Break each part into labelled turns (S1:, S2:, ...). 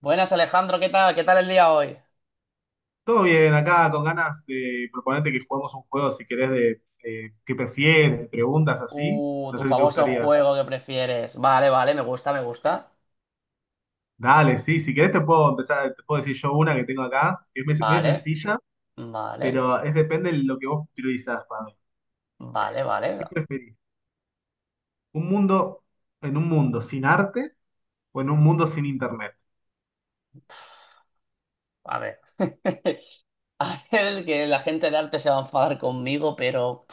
S1: Buenas Alejandro, ¿qué tal? ¿Qué tal el día hoy?
S2: Todo bien, acá con ganas de proponerte que juguemos un juego, si querés, de qué prefieres, de preguntas así. No
S1: Tu
S2: sé si te
S1: famoso
S2: gustaría.
S1: juego que prefieres. Vale, vale, me gusta, me gusta.
S2: Dale, sí, si querés te puedo empezar, te puedo decir yo una que tengo acá, que es medio medio
S1: Vale,
S2: sencilla,
S1: vale,
S2: pero es depende de lo que vos priorizás, Pablo.
S1: vale, vale.
S2: ¿Qué preferís? ¿Un mundo, ¿En un mundo sin arte o en un mundo sin internet?
S1: A ver. A ver, que la gente de arte se va a enfadar conmigo, pero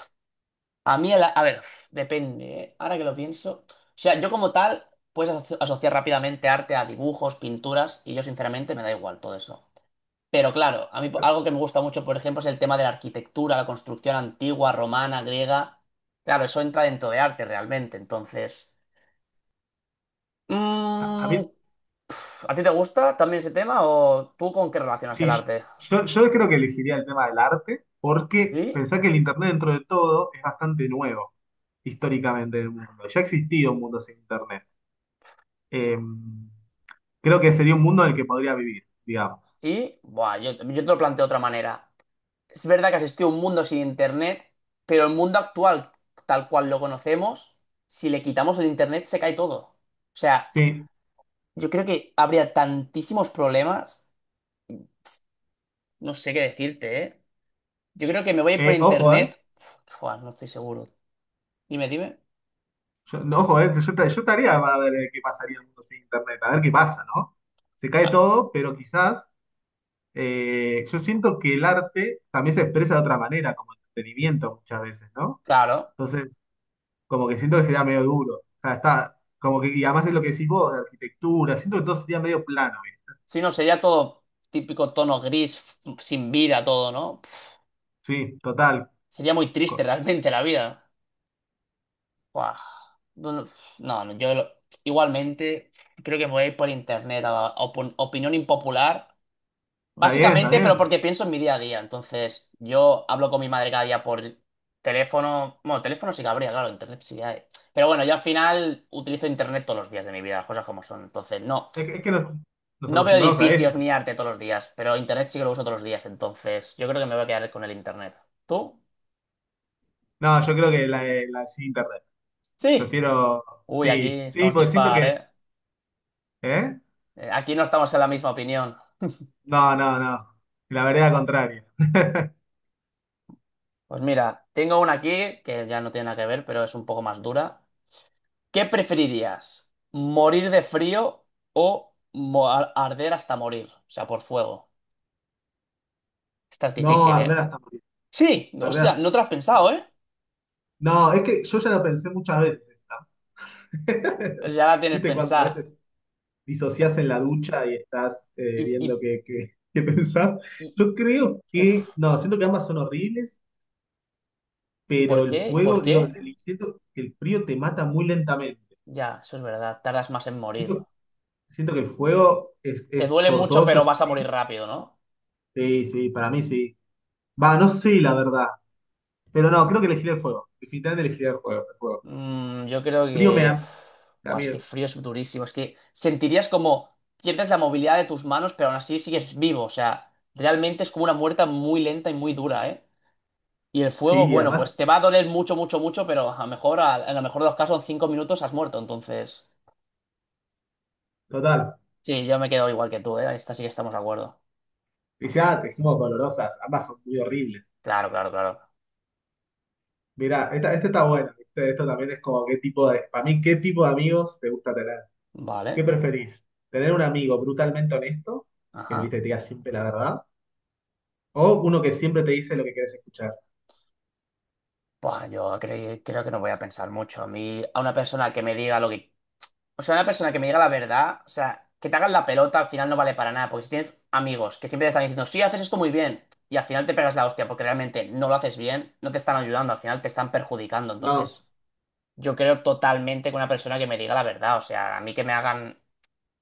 S1: a mí, el a ver, depende, ¿eh? Ahora que lo pienso. O sea, yo como tal, puedes asociar rápidamente arte a dibujos, pinturas, y yo sinceramente me da igual todo eso. Pero claro, a mí algo que me gusta mucho, por ejemplo, es el tema de la arquitectura, la construcción antigua, romana, griega. Claro, eso entra dentro de arte realmente. Entonces,
S2: A
S1: mm,
S2: mí,
S1: ¿a ti te gusta también ese tema o tú con qué relacionas el
S2: sí,
S1: arte?
S2: yo creo que elegiría el tema del arte, porque
S1: Sí,
S2: pensá que el internet dentro de todo es bastante nuevo, históricamente en el mundo. Ya ha existido un mundo sin internet. Eh, Creo que sería un mundo en el que podría vivir, digamos.
S1: sí. Buah, yo te lo planteo de otra manera. Es verdad que asistió a un mundo sin internet, pero el mundo actual, tal cual lo conocemos, si le quitamos el internet se cae todo. O sea,
S2: Sí.
S1: yo creo que habría tantísimos problemas, no sé qué decirte, ¿eh? Yo creo que me voy a ir por
S2: Ojo, ¿eh?
S1: internet. Uf, joder, no estoy seguro. Dime, dime.
S2: Yo, no, ojo, ¿eh? Yo, yo estaría para ver qué pasaría en el mundo sin internet, a ver qué pasa, ¿no? Se cae
S1: Ah,
S2: todo, pero quizás yo siento que el arte también se expresa de otra manera, como entretenimiento muchas veces, ¿no?
S1: claro.
S2: Entonces, como que siento que sería medio duro. O sea, está, como que, y además es lo que decís vos, de arquitectura, siento que todo sería medio plano, ¿viste?
S1: Si no, sería todo típico tono gris, sin vida, todo, ¿no? Pf,
S2: Sí, total.
S1: sería muy triste
S2: Co-
S1: realmente la vida. Buah. No, no, no, no, igualmente creo que me voy a ir por internet. Opinión impopular.
S2: Está bien, está
S1: Básicamente, pero
S2: bien.
S1: porque pienso en mi día a día. Entonces, yo hablo con mi madre cada día por teléfono. Bueno, teléfono sí que habría, claro, internet sí que hay. Pero bueno, yo al final utilizo internet todos los días de mi vida, las cosas como son. Entonces, no,
S2: Es que, nos
S1: no veo
S2: acostumbramos a eso.
S1: edificios ni arte todos los días, pero internet sí que lo uso todos los días. Entonces, yo creo que me voy a quedar con el internet. ¿Tú?
S2: No, yo creo que la de sin internet.
S1: Sí.
S2: Prefiero,
S1: Uy, aquí
S2: sí, sí,
S1: estamos
S2: porque siento
S1: dispar,
S2: que,
S1: ¿eh?
S2: ¿eh?
S1: Aquí no estamos en la misma opinión.
S2: No, no, no. La vereda contraria.
S1: Pues mira, tengo una aquí que ya no tiene nada que ver, pero es un poco más dura. ¿Qué preferirías? ¿Morir de frío o arder hasta morir? O sea, por fuego. Esta es
S2: No,
S1: difícil,
S2: arder
S1: ¿eh?
S2: hasta morir.
S1: Sí,
S2: Arder
S1: hostia,
S2: hasta
S1: no te la has pensado,
S2: morir.
S1: ¿eh?
S2: No, es que yo ya lo pensé muchas veces, esta.
S1: Pues ya la tienes
S2: ¿Viste cuando a
S1: pensada.
S2: veces disociás en la ducha y estás
S1: Y,
S2: viendo
S1: y,
S2: qué pensás?
S1: y,
S2: Yo creo que,
S1: uf.
S2: no, siento que ambas son horribles,
S1: ¿Y
S2: pero
S1: por
S2: el
S1: qué? ¿Y
S2: fuego,
S1: por
S2: digo,
S1: qué?
S2: siento que el frío te mata muy lentamente.
S1: Ya, eso es verdad, tardas más en morir.
S2: Siento, Siento que el fuego
S1: Te
S2: es
S1: duele mucho,
S2: tortuoso,
S1: pero
S2: es
S1: vas a morir
S2: horrible.
S1: rápido, ¿no?
S2: Sí, sí, para mí sí. Va, no sé la verdad. Pero no, creo que elegiré el fuego. Definitivamente elegiré el fuego. El fuego.
S1: Mm, yo creo
S2: El frío me
S1: que.
S2: da.
S1: Buah, es que
S2: También.
S1: frío es durísimo. Es que sentirías como pierdes la movilidad de tus manos, pero aún así sigues vivo. O sea, realmente es como una muerte muy lenta y muy dura, ¿eh? Y el
S2: Sí,
S1: fuego,
S2: y
S1: bueno,
S2: además,
S1: pues te va a doler mucho, mucho, mucho, pero a lo mejor, a lo mejor de los casos, en 5 minutos has muerto. Entonces,
S2: total.
S1: sí, yo me quedo igual que tú, ¿eh? Esta sí que estamos de acuerdo.
S2: Dice, ah, te dijimos dolorosas. Ambas son muy horribles.
S1: Claro, claro, claro.
S2: Mirá, esta está buena. ¿Viste? Esto también es como qué tipo de. Para mí, ¿qué tipo de amigos te gusta tener? ¿Qué
S1: Vale.
S2: preferís? ¿Tener un amigo brutalmente honesto? Que
S1: Ajá.
S2: viste, te diga siempre la verdad. ¿O uno que siempre te dice lo que quieres escuchar?
S1: Pues yo creo que no voy a pensar mucho. A mí, a una persona que me diga lo que... O sea, una persona que me diga la verdad, o sea, que te hagan la pelota al final no vale para nada, porque si tienes amigos que siempre te están diciendo, sí, haces esto muy bien, y al final te pegas la hostia porque realmente no lo haces bien, no te están ayudando, al final te están perjudicando.
S2: No,
S1: Entonces, yo creo totalmente que una persona que me diga la verdad, o sea, a mí que me hagan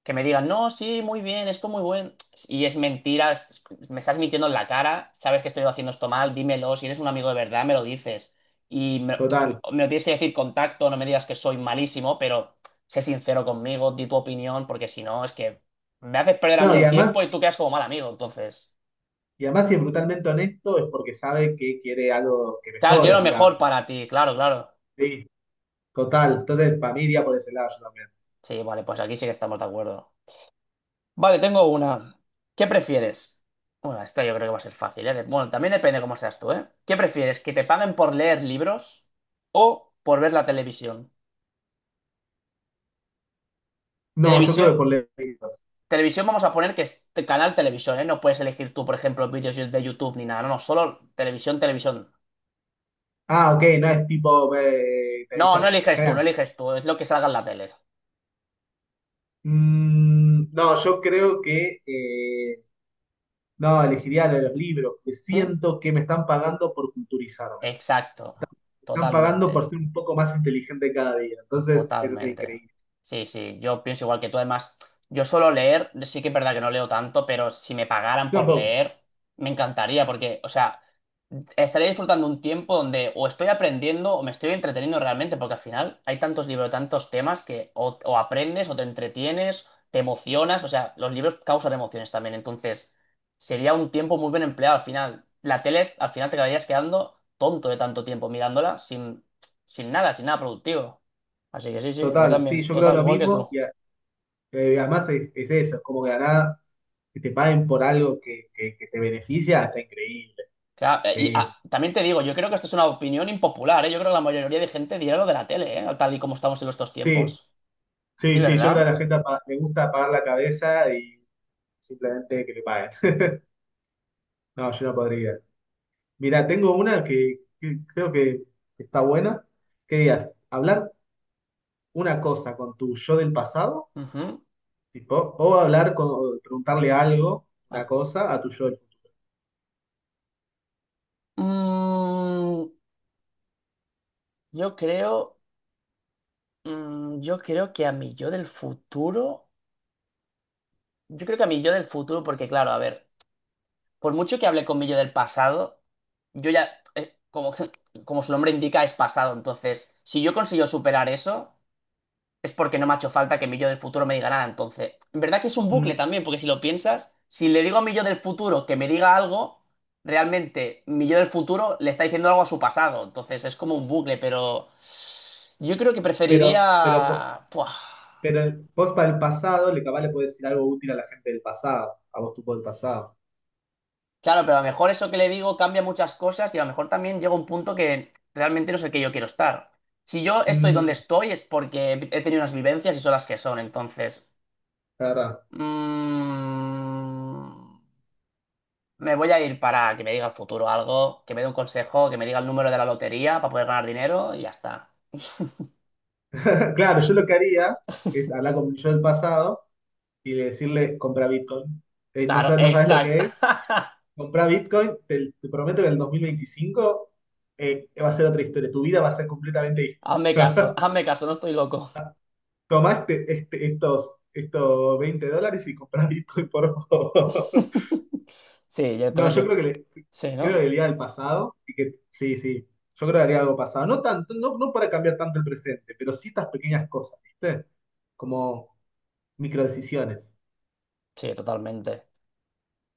S1: que me digan, no, sí, muy bien, esto muy bueno. Y es mentira, me estás mintiendo en la cara, sabes que estoy haciendo esto mal, dímelo, si eres un amigo de verdad, me lo dices. Y me, me
S2: total.
S1: lo tienes que decir con tacto, no me digas que soy malísimo, pero sé sincero conmigo, di tu opinión, porque si no, es que me haces perder a
S2: No,
S1: mí
S2: y
S1: el
S2: además,
S1: tiempo y tú quedas como mal amigo. Entonces,
S2: y además, si es brutalmente honesto, es porque sabe que quiere algo que
S1: claro, quiero
S2: mejore,
S1: lo mejor
S2: digamos.
S1: para ti, claro, claro.
S2: Sí, total. Entonces, para mí iría por ese lado yo también.
S1: Sí, vale, pues aquí sí que estamos de acuerdo. Vale, tengo una. ¿Qué prefieres? Bueno, esta yo creo que va a ser fácil, ¿eh? Bueno, también depende cómo seas tú, ¿eh? ¿Qué prefieres? ¿Que te paguen por leer libros o por ver la televisión?
S2: No, yo creo que
S1: Televisión,
S2: por lejos.
S1: televisión vamos a poner que es canal televisión, ¿eh? No puedes elegir tú, por ejemplo, vídeos de YouTube ni nada, no, no, solo televisión, televisión.
S2: Ah, ok, no es tipo
S1: No,
S2: televisión.
S1: no eliges tú, no
S2: Crean.
S1: eliges tú, es lo que salga en la tele.
S2: No, yo creo que no, elegiría lo de los libros, que
S1: ¿Mm?
S2: siento que me están pagando por culturizarme.
S1: Exacto,
S2: Me están pagando
S1: totalmente.
S2: por ser un poco más inteligente cada día. Entonces, eso es
S1: Totalmente.
S2: increíble.
S1: Sí, sí, yo pienso igual que tú. Además, yo suelo leer, sí que es verdad que no leo tanto, pero si me pagaran
S2: Yo
S1: por
S2: tampoco.
S1: leer, me encantaría, porque, o sea, estaría disfrutando un tiempo donde o estoy aprendiendo o me estoy entreteniendo realmente, porque al final hay tantos libros, tantos temas que o aprendes o te entretienes, te emocionas, o sea, los libros causan emociones también, entonces sería un tiempo muy bien empleado al final. La tele, al final te quedarías quedando tonto de tanto tiempo mirándola sin, sin nada, sin nada productivo. Así que sí, sí, yo
S2: Total, sí,
S1: también.
S2: yo creo
S1: Total,
S2: lo
S1: igual que tú.
S2: mismo. Y, además, es eso, es como que de la nada que te paguen por algo que te beneficia, está increíble.
S1: Que, ah, y
S2: Sí,
S1: ah, También te digo, yo creo que esto es una opinión impopular, ¿eh? Yo creo que la mayoría de gente dirá lo de la tele, ¿eh? Tal y como estamos en estos
S2: sí,
S1: tiempos. Sí,
S2: sí, sí, yo creo que
S1: ¿verdad?
S2: a la gente le gusta apagar la cabeza y simplemente que le paguen. No, yo no podría. Mira, tengo una que creo que está buena. ¿Qué digas? Hablar una cosa con tu yo del pasado,
S1: Ujú.
S2: tipo, o hablar con, o preguntarle algo,
S1: Ah,
S2: una cosa, a tu yo del futuro.
S1: mm, yo creo. Yo creo que a mi yo del futuro. Yo creo que a mi yo del futuro, porque claro, a ver, por mucho que hable con mi yo del pasado, yo ya. Como, como su nombre indica, es pasado. Entonces, si yo consigo superar eso. Es porque no me ha hecho falta que mi yo del futuro me diga nada. Entonces, en verdad que es un
S2: Mm,
S1: bucle también, porque si lo piensas, si le digo a mi yo del futuro que me diga algo, realmente mi yo del futuro le está diciendo algo a su pasado. Entonces es como un bucle, pero yo creo que
S2: pero, pero, po-
S1: preferiría... Puah.
S2: pero vos para el pasado, le capaz le podés decir algo útil a la gente del pasado, a vos tú por el pasado.
S1: Claro, pero a lo mejor eso que le digo cambia muchas cosas y a lo mejor también llega un punto que realmente no es el que yo quiero estar. Si yo estoy donde
S2: Mm,
S1: estoy es porque he tenido unas vivencias y son las que son, entonces...
S2: la verdad.
S1: mm, Me voy a ir para que me diga el futuro algo, que me dé un consejo, que me diga el número de la lotería para poder ganar dinero y ya está.
S2: Claro, yo lo que haría es hablar con mi yo del pasado y decirle, compra Bitcoin. No,
S1: Claro,
S2: no sabes lo
S1: exacto.
S2: que es. Compra Bitcoin, te prometo que en el 2025 va a ser otra historia. Tu vida va a ser completamente distinta.
S1: Hazme caso, no estoy loco.
S2: Tomá estos 20 dólares y comprá Bitcoin, por favor.
S1: Sí,
S2: No,
S1: entonces
S2: yo
S1: yo...
S2: creo que le,
S1: Sí,
S2: creo
S1: ¿no?
S2: que iría al pasado y que sí, sí. Yo creo que haría algo pasado. No tanto, no, no para cambiar tanto el presente, pero sí estas pequeñas cosas, ¿viste? Como microdecisiones.
S1: Sí, totalmente.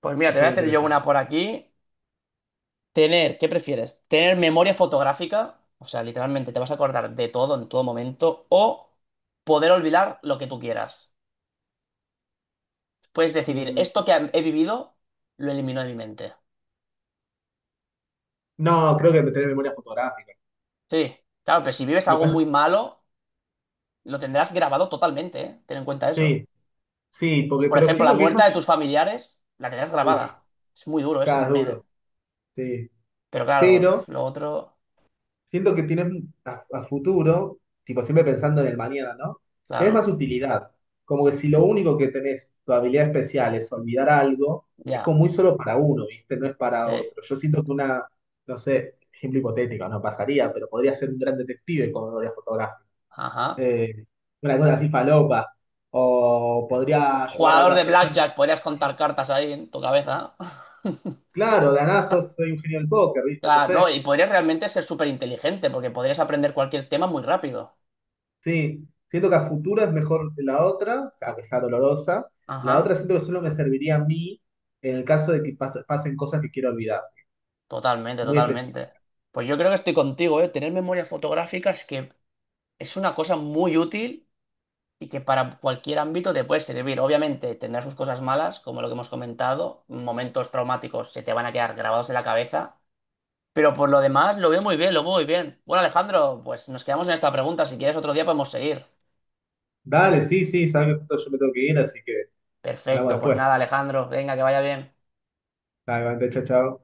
S1: Pues mira, te
S2: Eso
S1: voy a
S2: me
S1: hacer yo
S2: interesa.
S1: una por aquí. Tener, ¿qué prefieres? ¿Tener memoria fotográfica? O sea, literalmente te vas a acordar de todo en todo momento o poder olvidar lo que tú quieras. Puedes decidir,
S2: Mm,
S1: esto que he vivido, lo elimino de mi mente.
S2: no, creo que tener memoria fotográfica.
S1: Sí, claro, pero si vives
S2: Me
S1: algo
S2: pasa.
S1: muy malo, lo tendrás grabado totalmente, ¿eh? Ten en cuenta eso.
S2: Sí, sí, porque,
S1: Por
S2: pero
S1: ejemplo, la
S2: siento que es
S1: muerte de
S2: más.
S1: tus familiares, la tendrás
S2: Uf,
S1: grabada. Es muy duro eso
S2: cada
S1: también, ¿eh?
S2: duro. Sí.
S1: Pero claro, uf,
S2: Pero
S1: lo otro,
S2: siento que tienes a futuro, tipo siempre pensando en el mañana, ¿no? Tenés
S1: claro,
S2: más utilidad. Como que si lo único que tenés, tu habilidad especial, es olvidar algo, es
S1: ya,
S2: como muy solo para uno, ¿viste? No es
S1: sí,
S2: para otro. Yo siento que una, no sé, ejemplo hipotético, no pasaría, pero podría ser un gran detective con memoria fotográfica
S1: ajá.
S2: eh, una cosa así falopa, o podría ayudar a
S1: Jugador
S2: otras
S1: de
S2: personas.
S1: blackjack, podrías contar cartas ahí en tu cabeza.
S2: Claro, de la nada soy un genio del póker, ¿viste? No
S1: Claro, no,
S2: sé.
S1: y podrías realmente ser súper inteligente, porque podrías aprender cualquier tema muy rápido.
S2: Sí, siento que a futuro es mejor que la otra, o sea, que sea dolorosa. La otra
S1: Ajá,
S2: siento que solo me serviría a mí en el caso de que pasen cosas que quiero olvidar,
S1: totalmente,
S2: muy
S1: totalmente.
S2: específicas.
S1: Pues yo creo que estoy contigo, ¿eh? Tener memoria fotográfica es que es una cosa muy útil y que para cualquier ámbito te puede servir. Obviamente tendrá sus cosas malas, como lo que hemos comentado, momentos traumáticos se te van a quedar grabados en la cabeza, pero por lo demás lo veo muy bien, lo veo muy bien. Bueno, Alejandro, pues nos quedamos en esta pregunta, si quieres otro día podemos seguir.
S2: Dale, sí, sí, sabes que justo yo me tengo que ir, así que hablamos
S1: Perfecto, pues
S2: después.
S1: nada, Alejandro, venga, que vaya bien.
S2: Dale, Vante, chao, chao.